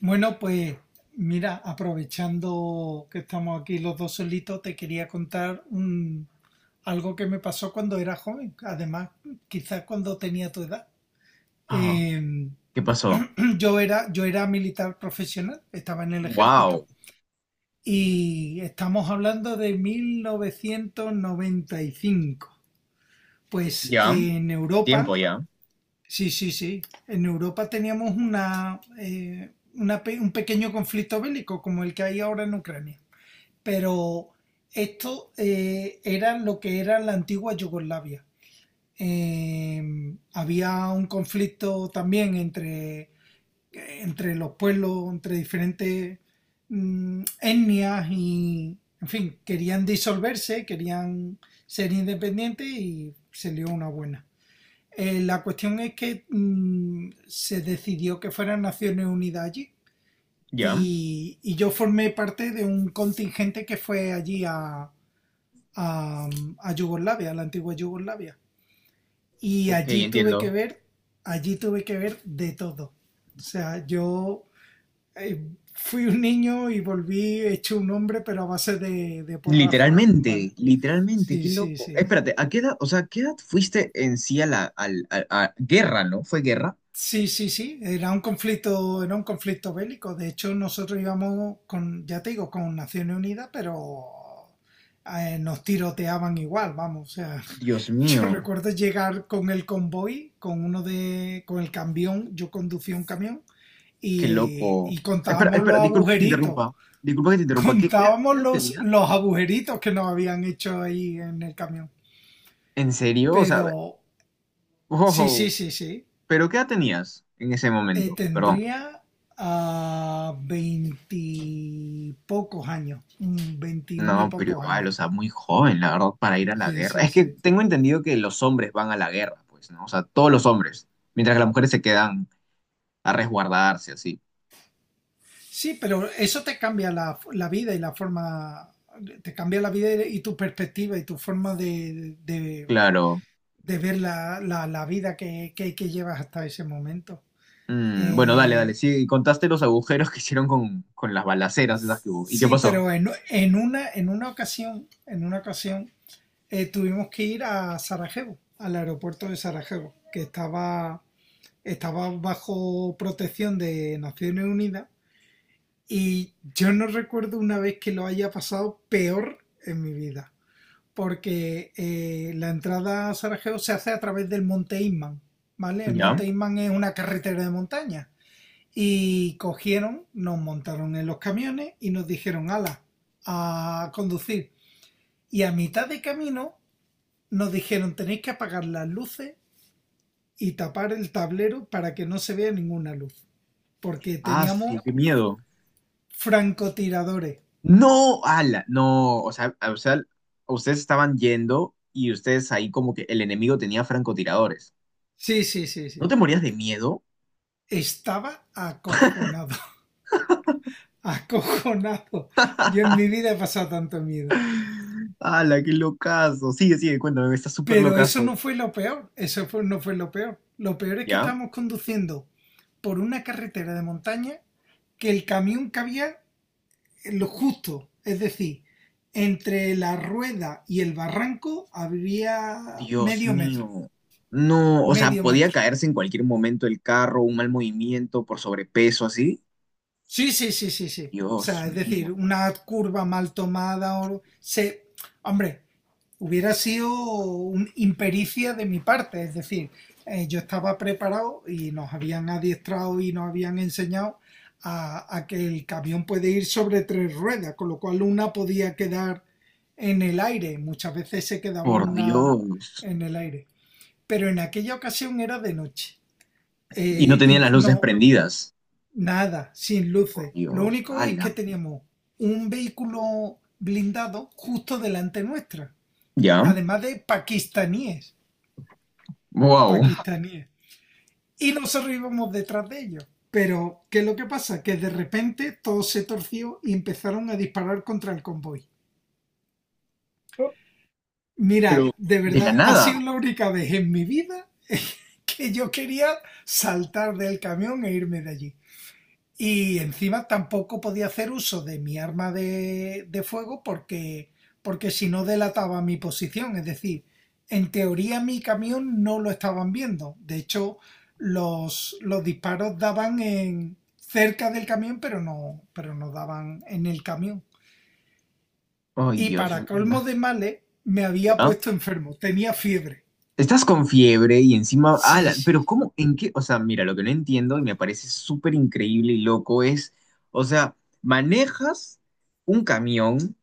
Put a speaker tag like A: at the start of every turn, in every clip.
A: Bueno, pues mira, aprovechando que estamos aquí los dos solitos, te quería algo que me pasó cuando era joven, además quizás cuando tenía tu edad.
B: Ah,
A: Eh,
B: ¿qué pasó?
A: yo era militar profesional, estaba en el
B: Wow,
A: ejército y estamos hablando de 1995. Pues
B: ya,
A: en Europa.
B: tiempo ya,
A: Sí, sí, sí. En Europa teníamos un pequeño conflicto bélico como el que hay ahora en Ucrania. Pero esto era lo que era la antigua Yugoslavia. Había un conflicto también entre los pueblos, entre diferentes etnias y, en fin, querían disolverse, querían ser independientes y se lió una buena. La cuestión es que se decidió que fueran Naciones Unidas allí
B: ya.
A: y yo formé parte de un contingente que fue a, a Yugoslavia, a la antigua Yugoslavia. Y
B: Ok, entiendo.
A: allí tuve que ver de todo. O sea, yo eh, fui un niño y volví hecho un hombre, pero a base de porrazo, ¿vale?
B: Literalmente, literalmente, qué
A: Sí, sí,
B: loco.
A: sí.
B: Espérate, ¿a qué edad, o sea, qué edad fuiste en sí a la a guerra, ¿no? ¿Fue guerra?
A: Sí, sí, sí, era un conflicto bélico. De hecho, nosotros íbamos con, ya te digo, con Naciones Unidas, pero nos tiroteaban igual, vamos. O sea,
B: Dios
A: yo
B: mío,
A: recuerdo llegar con el convoy, con uno de, con el camión, yo conducía un camión
B: qué loco.
A: y
B: Espera,
A: contábamos los
B: espera, disculpa que te
A: agujeritos,
B: interrumpa. Disculpa que te interrumpa. ¿Qué
A: contábamos
B: edad tenías?
A: los agujeritos que nos habían hecho ahí en el camión.
B: ¿En serio? O sea,
A: Pero sí,
B: wow,
A: sí, sí, sí.
B: pero ¿qué edad tenías en ese momento? Perdón.
A: Tendría a veintipocos años, veinti muy
B: No, pero
A: pocos
B: igual, o
A: años.
B: sea, muy joven, la verdad, para ir a la
A: Sí,
B: guerra.
A: sí,
B: Es que
A: sí.
B: tengo entendido que los hombres van a la guerra, pues, ¿no? O sea, todos los hombres, mientras que las mujeres se quedan a resguardarse, así.
A: Sí, pero eso te cambia la vida y la forma, te cambia la vida y tu perspectiva y tu forma
B: Claro.
A: de ver la vida que llevas hasta ese momento.
B: Bueno, dale,
A: Eh,
B: dale. Sí, contaste los agujeros que hicieron con las balaceras esas que hubo. ¿Y qué
A: sí,
B: pasó?
A: pero en una ocasión, tuvimos que ir a Sarajevo, al aeropuerto de Sarajevo, que estaba bajo protección de Naciones Unidas, y yo no recuerdo una vez que lo haya pasado peor en mi vida, porque la entrada a Sarajevo se hace a través del Monte Inman, ¿vale? El
B: ¿Ya?
A: Monte Inman es una carretera de montaña, y cogieron, nos montaron en los camiones y nos dijeron, ala, a conducir. Y a mitad de camino nos dijeron, tenéis que apagar las luces y tapar el tablero para que no se vea ninguna luz, porque
B: Ah,
A: teníamos
B: qué miedo.
A: francotiradores.
B: No, ala, no, o sea, ustedes estaban yendo y ustedes ahí como que el enemigo tenía francotiradores.
A: Sí, sí, sí,
B: ¿No
A: sí,
B: te
A: sí.
B: morías de miedo?
A: Estaba acojonado, acojonado. Yo en mi vida he pasado tanto miedo.
B: ¡Hala, qué locazo! Sigue, sigue, cuéntame, está súper
A: Pero eso
B: locazo.
A: no fue lo peor, no fue lo peor. Lo peor es que
B: ¿Ya?
A: estábamos conduciendo por una carretera de montaña que el camión cabía en lo justo, es decir, entre la rueda y el barranco había
B: Dios
A: medio metro,
B: mío. No, o sea,
A: medio
B: podía
A: metro.
B: caerse en cualquier momento el carro, un mal movimiento por sobrepeso, así.
A: Sí, sí, sí, sí, sí. O
B: Dios
A: sea, es decir,
B: mío,
A: una curva mal hombre, hubiera sido un impericia de mi parte, es decir, yo estaba preparado y nos habían adiestrado y nos habían enseñado a que el camión puede ir sobre tres ruedas, con lo cual una podía quedar en el aire, muchas veces se quedaba
B: por
A: una
B: Dios.
A: en el aire, pero en aquella ocasión era de noche.
B: Y no
A: Eh, y
B: tenían las luces
A: no,
B: prendidas.
A: Nada, sin
B: Por
A: luces. Lo
B: Dios,
A: único es
B: ¡hala!
A: que teníamos un vehículo blindado justo delante nuestra,
B: ¿Ya?
A: además de pakistaníes,
B: ¡Wow!
A: pakistaníes. Y nosotros íbamos detrás de ellos. Pero, ¿qué es lo que pasa? Que de repente todo se torció y empezaron a disparar contra el convoy.
B: Pero
A: Mira, de
B: de la
A: verdad, ha sido
B: nada.
A: la única vez en mi vida que yo quería saltar del camión e irme de allí. Y encima tampoco podía hacer uso de mi arma de fuego porque, porque si no delataba mi posición. Es decir, en teoría mi camión no lo estaban viendo. De hecho, los disparos daban en, cerca del camión, pero no daban en el camión.
B: ¡Ay,
A: Y
B: Dios
A: para
B: mío!
A: colmo de males, me había
B: ¿Ya?
A: puesto enfermo. Tenía fiebre.
B: Estás con fiebre y encima,
A: Sí,
B: ala, pero
A: sí,
B: ¿cómo?
A: sí.
B: ¿En qué? O sea, mira, lo que no entiendo y me parece súper increíble y loco es, o sea, manejas un camión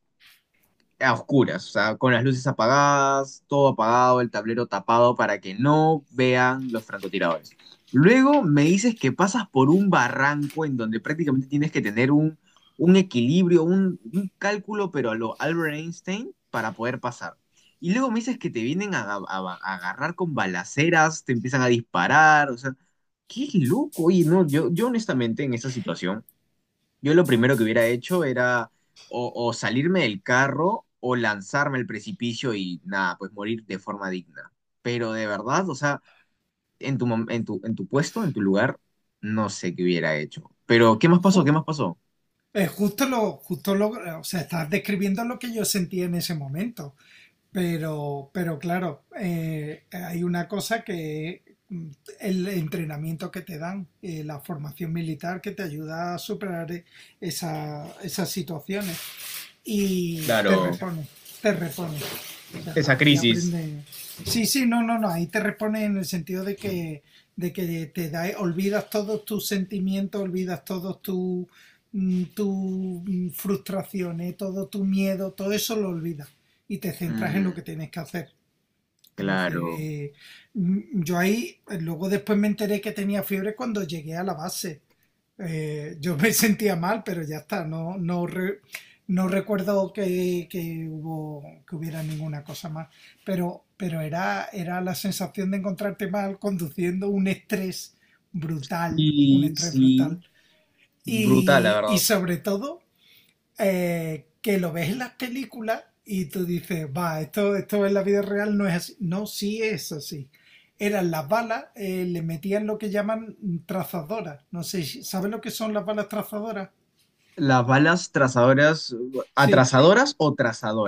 B: a oscuras, o sea, con las luces apagadas, todo apagado, el tablero tapado para que no vean los francotiradores. Luego me dices que pasas por un barranco en donde prácticamente tienes que tener un equilibrio, un cálculo, pero a lo Albert Einstein para poder pasar. Y luego me dices que te vienen a, a agarrar con balaceras, te empiezan a disparar, o sea, qué loco. Oye, no, yo honestamente en esa situación yo lo primero que hubiera hecho era o salirme del carro o lanzarme al precipicio y nada, pues morir de forma digna. Pero de verdad, o sea, en tu, en tu, en tu puesto, en tu lugar, no sé qué hubiera hecho. Pero, ¿qué más pasó?
A: Ju-
B: ¿Qué más pasó?
A: justo lo, o sea, estás describiendo lo que yo sentía en ese momento. Pero claro, hay una cosa que el entrenamiento que te dan, la formación militar que te ayuda a superar esas situaciones y te
B: Claro,
A: repone, te repone. O sea,
B: esa
A: ahí
B: crisis.
A: aprende. Sí, sí, no, no, no, ahí te repone en el sentido de que te da, olvidas todos tus sentimientos, olvidas todos tus tu frustraciones, todo tu miedo, todo eso lo olvidas y te centras en lo que
B: Mm,
A: tienes que hacer. Es decir,
B: claro.
A: yo ahí, luego después me enteré que tenía fiebre cuando llegué a la base. Eh, yo me sentía mal, pero ya está, no recuerdo que hubo, que hubiera ninguna cosa más, pero era, era la sensación de encontrarte mal conduciendo un estrés brutal, un
B: Y
A: estrés
B: sí,
A: brutal.
B: brutal, la verdad.
A: Y sobre todo, que lo ves en las películas y tú dices, va, esto en la vida real no es así. No, sí es así. Eran las balas, le metían lo que llaman trazadoras. No sé, ¿sabes lo que son las balas trazadoras?
B: Las balas trazadoras,
A: Sí,
B: atrasadoras o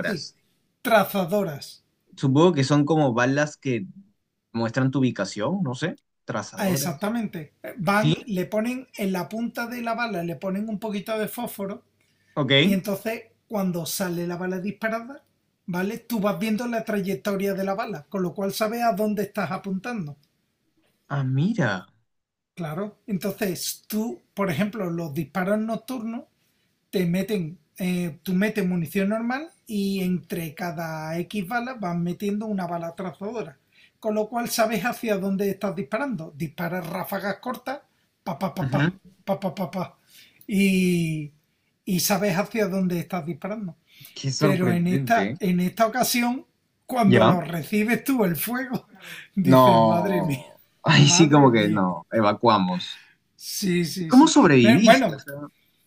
A: sí. Trazadoras.
B: Supongo que son como balas que muestran tu ubicación, no sé,
A: Ah,
B: trazadoras.
A: exactamente. Van,
B: Sí,
A: le ponen en la punta de la bala, le ponen un poquito de fósforo,
B: ok.
A: y entonces cuando sale la bala disparada, ¿vale? Tú vas viendo la trayectoria de la bala, con lo cual sabes a dónde estás apuntando.
B: Ah, mira.
A: Claro. Entonces, tú, por ejemplo, los disparos nocturnos te meten, tú metes munición normal y entre cada X balas vas metiendo una bala trazadora. Con lo cual sabes hacia dónde estás disparando. Disparas ráfagas cortas, pa pa pa
B: Ujú.
A: pa, pa pa pa pa. Y, y sabes hacia dónde estás disparando.
B: Qué
A: Pero en
B: sorprendente. ¿Eh?
A: en esta ocasión, cuando
B: ¿Ya?
A: lo recibes tú el fuego, dices, madre mía,
B: No. Ay, sí,
A: madre
B: como que
A: mía.
B: no. Evacuamos.
A: Sí, sí,
B: ¿Cómo
A: sí.
B: sobreviviste? O
A: Bueno,
B: sea,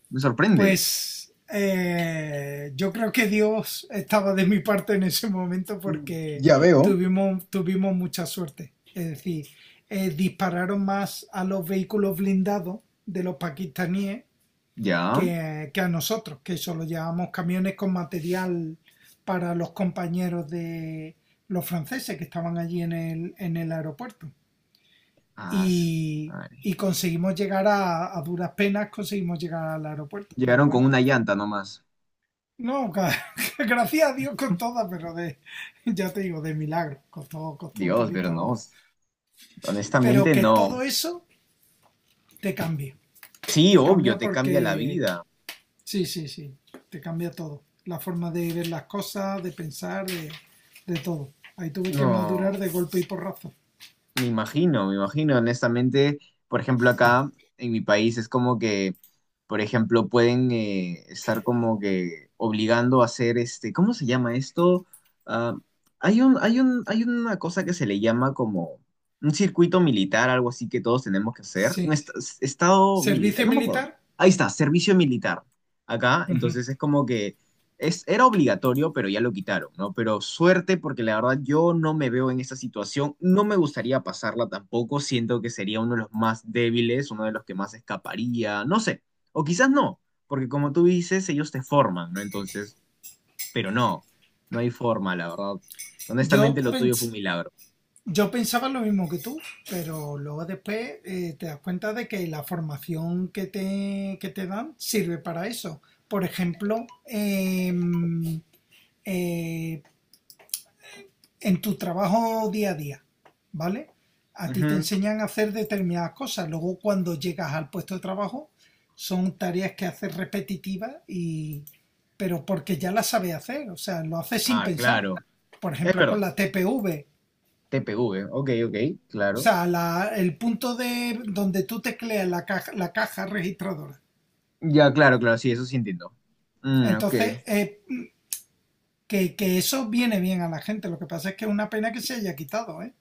B: me sorprende.
A: pues yo creo que Dios estaba de mi parte en ese momento porque
B: Ya veo.
A: tuvimos, tuvimos mucha suerte. Es decir, dispararon más a los vehículos blindados de los pakistaníes
B: ¿Ya?
A: que a nosotros, que solo llevábamos camiones con material para los compañeros de los franceses que estaban allí en el aeropuerto,
B: Ah,
A: y,
B: ay.
A: y conseguimos llegar a duras penas, conseguimos llegar al aeropuerto, pero
B: Llegaron
A: bueno.
B: con una llanta nomás.
A: No, gracias a Dios con todas, pero ya te digo, de milagro. Costó, costó un
B: Dios, pero no.
A: poquito. Pero
B: Honestamente,
A: que
B: no.
A: todo eso te cambia.
B: Sí,
A: Te
B: obvio,
A: cambia
B: te cambia la
A: porque.
B: vida.
A: Sí, sí, sí. Te cambia todo. La forma de ver las cosas, de pensar, de todo. Ahí tuve que madurar de
B: No.
A: golpe y porrazo.
B: Me imagino, honestamente, por ejemplo, acá en mi país es como que, por ejemplo, pueden estar como que obligando a hacer este, ¿cómo se llama esto? Ah, hay una cosa que se le llama como un circuito militar, algo así que todos tenemos que hacer, un
A: Sí.
B: estado militar,
A: ¿Servicio
B: no me acuerdo.
A: militar?
B: Ahí está, servicio militar. Acá,
A: Uh -huh.
B: entonces es como que es, era obligatorio, pero ya lo quitaron, ¿no? Pero suerte, porque la verdad yo no me veo en esa situación, no me gustaría pasarla tampoco, siento que sería uno de los más débiles, uno de los que más escaparía, no sé, o quizás no, porque como tú dices, ellos te forman, ¿no? Entonces, pero no, no hay forma, la verdad.
A: Yo
B: Honestamente, lo tuyo fue un
A: pens
B: milagro.
A: Yo pensaba lo mismo que tú, pero luego después te das cuenta de que la formación que te dan sirve para eso. Por ejemplo, eh, en tu trabajo día a día, ¿vale? A ti te
B: Ujú.
A: enseñan a hacer determinadas cosas. Luego, cuando llegas al puesto de trabajo, son tareas que haces repetitivas pero porque ya las sabes hacer, o sea, lo haces sin
B: Ah,
A: pensar.
B: claro,
A: Por
B: es
A: ejemplo, con
B: verdad,
A: la TPV,
B: TPV, ok, ok,
A: o
B: claro.
A: sea, el punto de donde tú tecleas la caja registradora.
B: Ya, claro, claro, sí, eso sí entiendo. Ok.
A: Entonces, que eso viene bien a la gente. Lo que pasa es que es una pena que se haya quitado, ¿eh?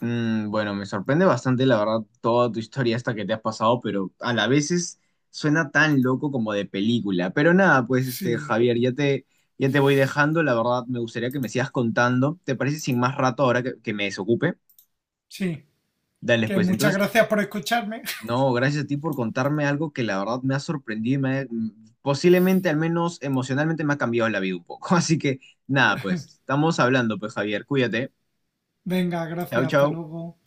B: Bueno, me sorprende bastante, la verdad, toda tu historia esta que te has pasado, pero a la vez suena tan loco como de película. Pero nada, pues este,
A: Sí,
B: Javier, ya te voy dejando, la verdad, me gustaría que me sigas contando. ¿Te parece sin más rato ahora que me desocupe?
A: sí.
B: Dale,
A: Que
B: pues
A: muchas
B: entonces,
A: gracias por escucharme.
B: no, gracias a ti por contarme algo que la verdad me ha sorprendido y me ha, posiblemente, al menos emocionalmente, me ha cambiado la vida un poco. Así que nada, pues estamos hablando, pues Javier, cuídate.
A: Venga,
B: Chao,
A: gracias, hasta
B: chao.
A: luego.